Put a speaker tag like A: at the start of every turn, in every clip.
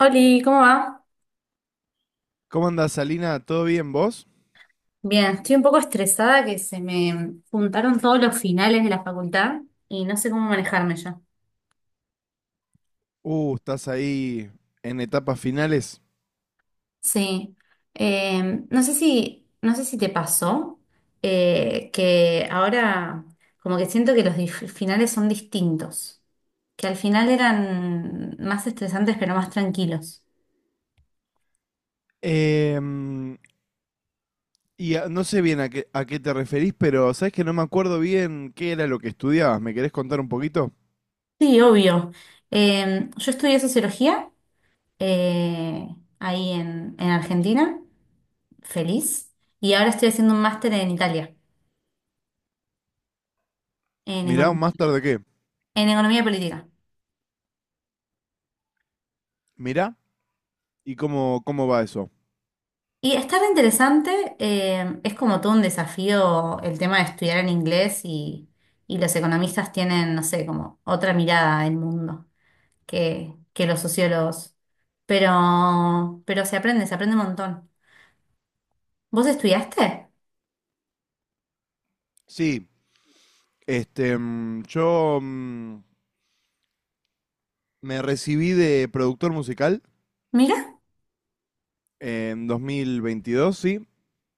A: Oli, ¿cómo va?
B: ¿Cómo andás, Salina? ¿Todo bien vos?
A: Bien, estoy un poco estresada que se me juntaron todos los finales de la facultad y no sé cómo manejarme ya.
B: Estás ahí en etapas finales.
A: Sí, no sé si te pasó que ahora como que siento que los finales son distintos, que al final eran más estresantes pero más tranquilos.
B: Em, no sé bien a qué te referís, pero sabes que no me acuerdo bien qué era lo que estudiabas. ¿Me querés contar un poquito?
A: Sí, obvio. Yo estudié sociología eh, ahí en Argentina. Feliz. Y ahora estoy haciendo un máster en Italia, en
B: Mirá, ¿un
A: economía,
B: máster de qué?
A: en economía política.
B: Mirá, ¿y cómo va eso?
A: Y está re interesante, es como todo un desafío el tema de estudiar en inglés y los economistas tienen, no sé, como otra mirada del mundo que los sociólogos. Pero se aprende un montón. ¿Vos estudiaste?
B: Sí, este, yo me recibí de productor musical
A: Mira.
B: en 2022, sí,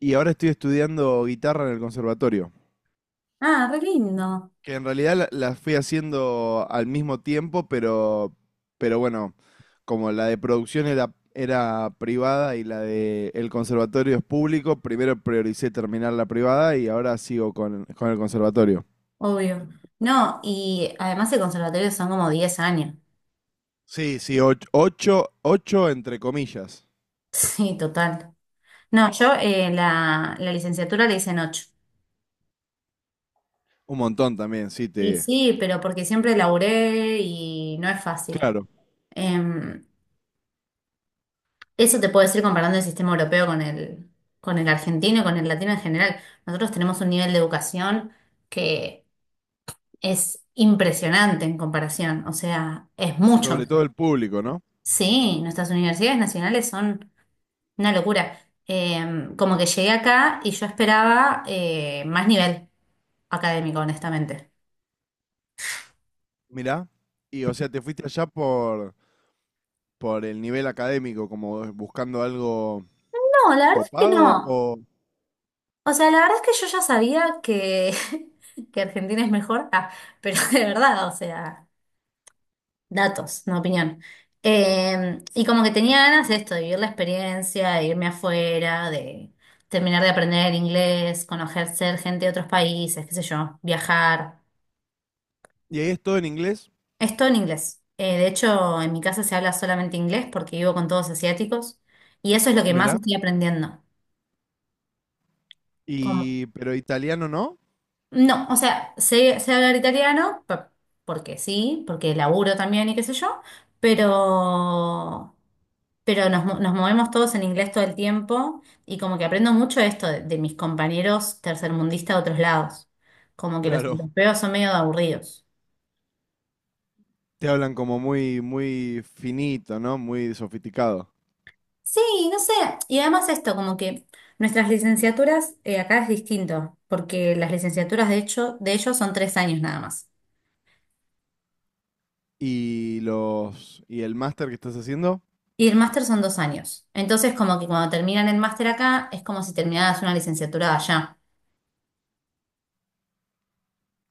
B: y ahora estoy estudiando guitarra en el conservatorio.
A: Ah, re lindo,
B: Que en realidad las fui haciendo al mismo tiempo, pero bueno, como la de producción era privada y la de el conservatorio es público, primero prioricé terminar la privada y ahora sigo con el conservatorio.
A: obvio. No, y además el conservatorio son como 10 años.
B: Sí, sí, ocho, ocho entre comillas.
A: Sí, total. No, yo la licenciatura le hice en ocho.
B: Un montón también, sí,
A: Y
B: te...
A: sí, pero porque siempre laburé y no es fácil.
B: Claro,
A: Em, eso te puedo decir comparando el sistema europeo con el, argentino y con el latino en general. Nosotros tenemos un nivel de educación que es impresionante en comparación. O sea, es mucho
B: sobre todo
A: mejor.
B: el público, ¿no?
A: Sí, nuestras universidades nacionales son una locura. Como que llegué acá y yo esperaba más nivel académico, honestamente.
B: Mirá, y o sea, te fuiste allá por el nivel académico, como buscando algo
A: No, la verdad es que
B: copado
A: no.
B: o...
A: O sea, la verdad es que yo ya sabía que, que Argentina es mejor, ah, pero de verdad, o sea, datos, no opinión. Y como que tenía ganas de esto, de vivir la experiencia, de irme afuera, de terminar de aprender inglés, conocer gente de otros países, qué sé yo, viajar.
B: ¿Y ahí es todo en inglés?
A: Es todo en inglés. De hecho, en mi casa se habla solamente inglés porque vivo con todos asiáticos y eso es lo que más
B: Mirá.
A: estoy aprendiendo.
B: Y, pero italiano no.
A: No, o sea, sé hablar italiano, porque sí, porque laburo también y qué sé yo, pero, pero nos movemos todos en inglés todo el tiempo y como que aprendo mucho esto de, mis compañeros tercermundistas de otros lados, como que los
B: Claro.
A: europeos son medio aburridos.
B: Te hablan como muy, muy finito, ¿no? Muy sofisticado.
A: Sí, no sé, y además esto, como que nuestras licenciaturas acá es distinto, porque las licenciaturas de hecho de ellos son 3 años nada más.
B: Y el máster que estás haciendo,
A: Y el máster son 2 años. Entonces, como que cuando terminan el máster acá, es como si terminaras una licenciatura allá.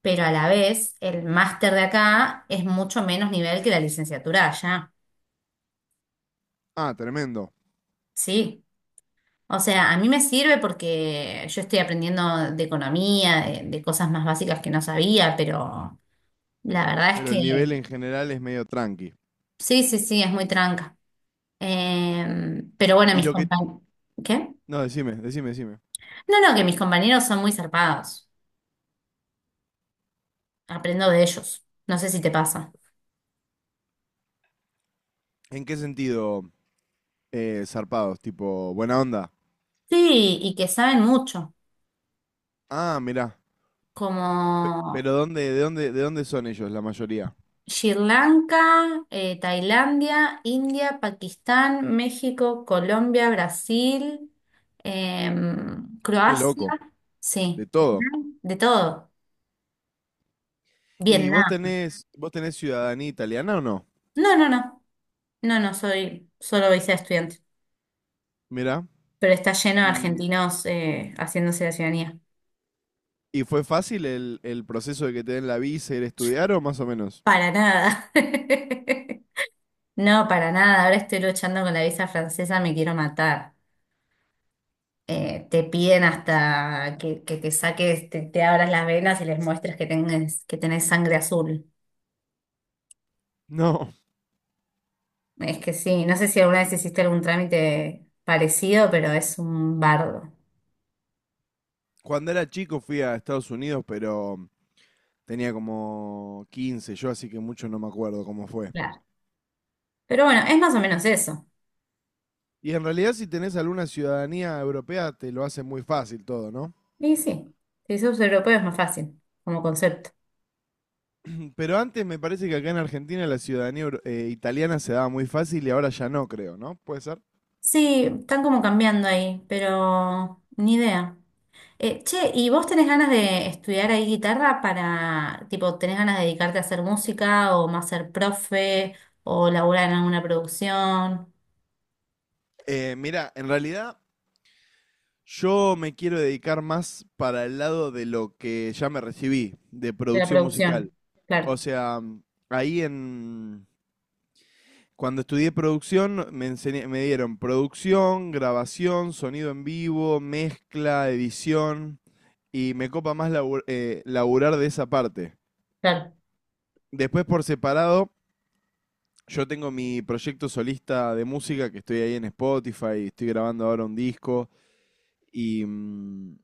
A: Pero a la vez, el máster de acá es mucho menos nivel que la licenciatura allá.
B: ah, tremendo.
A: Sí. O sea, a mí me sirve porque yo estoy aprendiendo de economía, de, cosas más básicas que no sabía, pero la verdad es
B: Pero
A: que
B: el nivel en general es medio tranqui.
A: sí, sí, sí, es muy tranca. Pero bueno,
B: Y
A: mis
B: lo que,
A: compañeros. ¿Qué?
B: no, decime, decime, decime.
A: No, no, que mis compañeros son muy zarpados. Aprendo de ellos. No sé si te pasa.
B: ¿En qué sentido zarpados? Tipo, buena onda.
A: Sí, y que saben mucho,
B: Ah, mirá.
A: como
B: Pero ¿ de dónde son ellos la mayoría?
A: Sri Lanka, Tailandia, India, Pakistán, México, Colombia, Brasil,
B: Qué
A: Croacia,
B: loco. De
A: sí,
B: todo.
A: de todo.
B: ¿Y vos
A: Vietnam.
B: tenés, vos tenés ciudadanía italiana o no?
A: No, no, no, no, no, soy solo visa estudiante,
B: Mirá.
A: pero está lleno de
B: ¿Y
A: argentinos haciéndose la ciudadanía.
B: ¿Y fue fácil el proceso de que te den la visa, y ir a estudiar o más o menos?
A: Para nada. No, para nada, ahora estoy luchando con la visa francesa, me quiero matar. Te piden hasta que te saques, te abras las venas y les muestres que tenés sangre azul.
B: No.
A: Es que sí, no sé si alguna vez hiciste algún trámite parecido, pero es un bardo.
B: Cuando era chico fui a Estados Unidos, pero tenía como 15 yo, así que mucho no me acuerdo cómo fue.
A: Claro. Pero bueno, es más o menos eso.
B: Y en realidad si tenés alguna ciudadanía europea te lo hace muy fácil todo, ¿no?
A: Y sí, si sos europeo es más fácil como concepto.
B: Pero antes me parece que acá en Argentina la ciudadanía italiana se daba muy fácil y ahora ya no, creo, ¿no? ¿Puede ser?
A: Sí, están como cambiando ahí, pero ni idea. Che, ¿y vos tenés ganas de estudiar ahí guitarra para, tipo, tenés ganas de dedicarte a hacer música o más ser profe o laburar en alguna producción?
B: Mira, en realidad yo me quiero dedicar más para el lado de lo que ya me recibí, de
A: De la
B: producción
A: producción,
B: musical. O
A: claro,
B: sea, ahí en. Cuando estudié producción, me dieron producción, grabación, sonido en vivo, mezcla, edición. Y me copa más laburar de esa parte.
A: claro,
B: Después, por separado, yo tengo mi proyecto solista de música que estoy ahí en Spotify. Estoy grabando ahora un disco. Y, mm,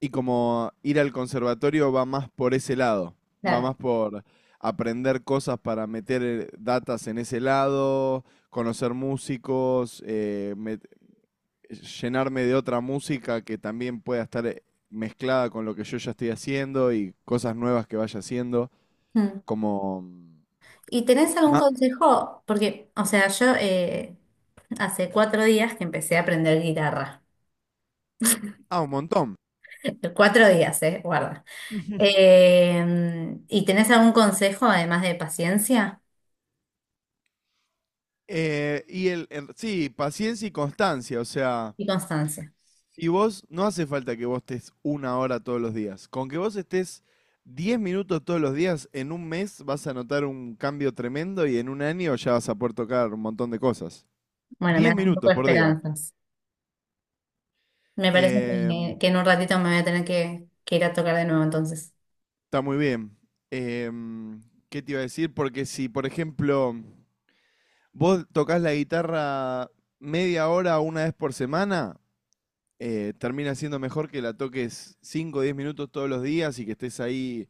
B: y como ir al conservatorio va más por ese lado, va
A: claro.
B: más por aprender cosas para meter datas en ese lado, conocer músicos, llenarme de otra música que también pueda estar mezclada con lo que yo ya estoy haciendo y cosas nuevas que vaya haciendo,
A: Mm.
B: como... mm,
A: ¿Y tenés algún
B: ma-
A: consejo? Porque, o sea, yo hace 4 días que empecé a aprender guitarra.
B: Ah, un montón.
A: 4 días, guarda. ¿Y tenés algún consejo además de paciencia
B: Sí, paciencia y constancia, o sea,
A: y constancia?
B: y vos, no hace falta que vos estés una hora todos los días. Con que vos estés 10 minutos todos los días, en un mes vas a notar un cambio tremendo y en un año ya vas a poder tocar un montón de cosas.
A: Bueno, me
B: 10
A: das un poco
B: minutos
A: de
B: por día.
A: esperanzas. Me parece
B: Eh,
A: que en un ratito me voy a tener que ir a tocar de nuevo entonces.
B: está muy bien. Em, ¿qué te iba a decir? Porque si, por ejemplo, vos tocas la guitarra media hora una vez por semana, termina siendo mejor que la toques cinco o 10 minutos todos los días y que estés ahí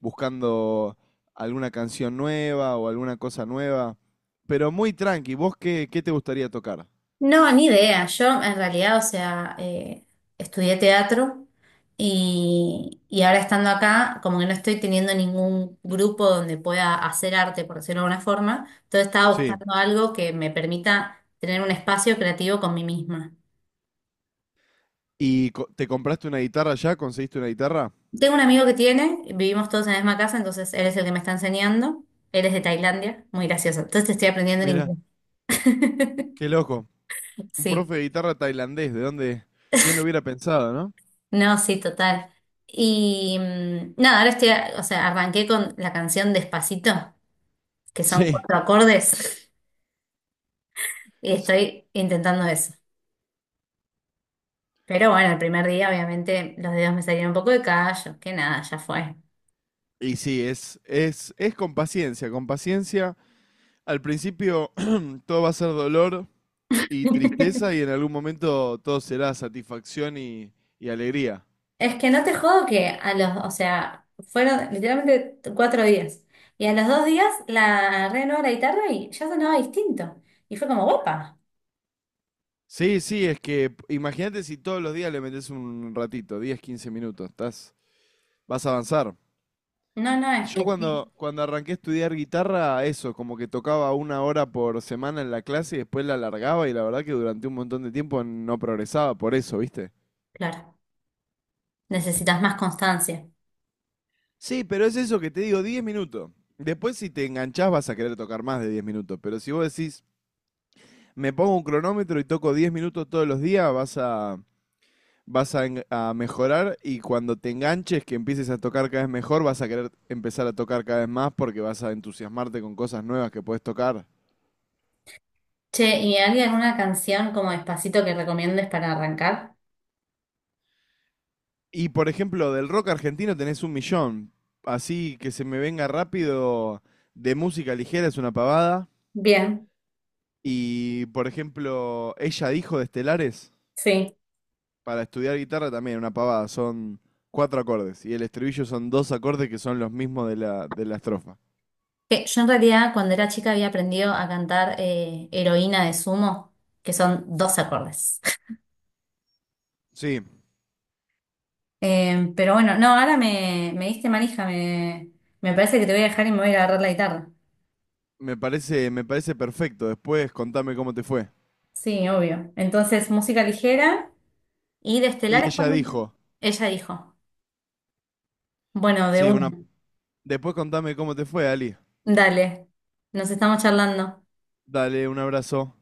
B: buscando alguna canción nueva o alguna cosa nueva. Pero muy tranqui, ¿vos qué, qué te gustaría tocar?
A: No, ni idea. Yo en realidad, o sea, estudié teatro y ahora estando acá, como que no estoy teniendo ningún grupo donde pueda hacer arte, por decirlo de alguna forma. Entonces estaba
B: Sí.
A: buscando algo que me permita tener un espacio creativo con mí misma.
B: ¿Y te compraste una guitarra ya? ¿Conseguiste una guitarra?
A: Tengo un amigo que tiene, vivimos todos en la misma casa, entonces él es el que me está enseñando. Él es de Tailandia, muy gracioso. Entonces estoy aprendiendo en
B: Mira,
A: inglés.
B: qué loco. Un
A: Sí.
B: profe de guitarra tailandés, ¿de dónde? ¿Quién lo hubiera pensado, no?
A: No, sí, total. Y nada, ahora estoy, o sea, arranqué con la canción Despacito, que son
B: Sí.
A: cuatro acordes, y
B: S-
A: estoy intentando eso. Pero bueno, el primer día obviamente los dedos me salieron un poco de callo, que nada, ya fue.
B: Y sí, es con paciencia, con paciencia. Al principio todo va a ser dolor y tristeza y en algún momento todo será satisfacción y alegría.
A: Es que no te jodo que a los, o sea, fueron literalmente 4 días. Y a los 2 días la agarré de nuevo la guitarra y ya sonaba distinto. Y fue como, guapa.
B: Sí, sí, es que imagínate si todos los días le metes un ratito, 10, quince minutos, estás, vas a avanzar.
A: No, no, es
B: Yo
A: que sí,
B: cuando arranqué a estudiar guitarra, eso, como que tocaba una hora por semana en la clase y después la alargaba y la verdad que durante un montón de tiempo no progresaba por eso, ¿viste?
A: claro, necesitas más constancia.
B: Sí, pero es eso que te digo, 10 minutos. Después si te enganchás vas a querer tocar más de 10 minutos, pero si vos decís, me pongo un cronómetro y toco 10 minutos todos los días, vas a mejorar y cuando te enganches, que empieces a tocar cada vez mejor, vas a querer empezar a tocar cada vez más porque vas a entusiasmarte con cosas nuevas que puedes tocar.
A: Che, ¿y hay alguna canción como Despacito que recomiendes para arrancar?
B: Y por ejemplo, del rock argentino tenés un millón. Así que se me venga rápido de música ligera es una pavada.
A: Bien,
B: Y por ejemplo, ella dijo de Estelares
A: sí.
B: para estudiar guitarra también una pavada. Son cuatro acordes y el estribillo son dos acordes que son los mismos de la estrofa.
A: Que yo en realidad cuando era chica había aprendido a cantar Heroína de Sumo, que son dos acordes.
B: Sí,
A: Pero bueno, no, ahora me, diste manija, me parece que te voy a dejar y me voy a agarrar la guitarra.
B: me parece perfecto. Después contame cómo te fue.
A: Sí, obvio. Entonces, música ligera y de
B: Y
A: Estelares por
B: ella
A: mí.
B: dijo,
A: Ella dijo. Bueno, de
B: sí, una...
A: una.
B: Después contame cómo te fue, Ali.
A: Dale, nos estamos charlando.
B: Dale, un abrazo.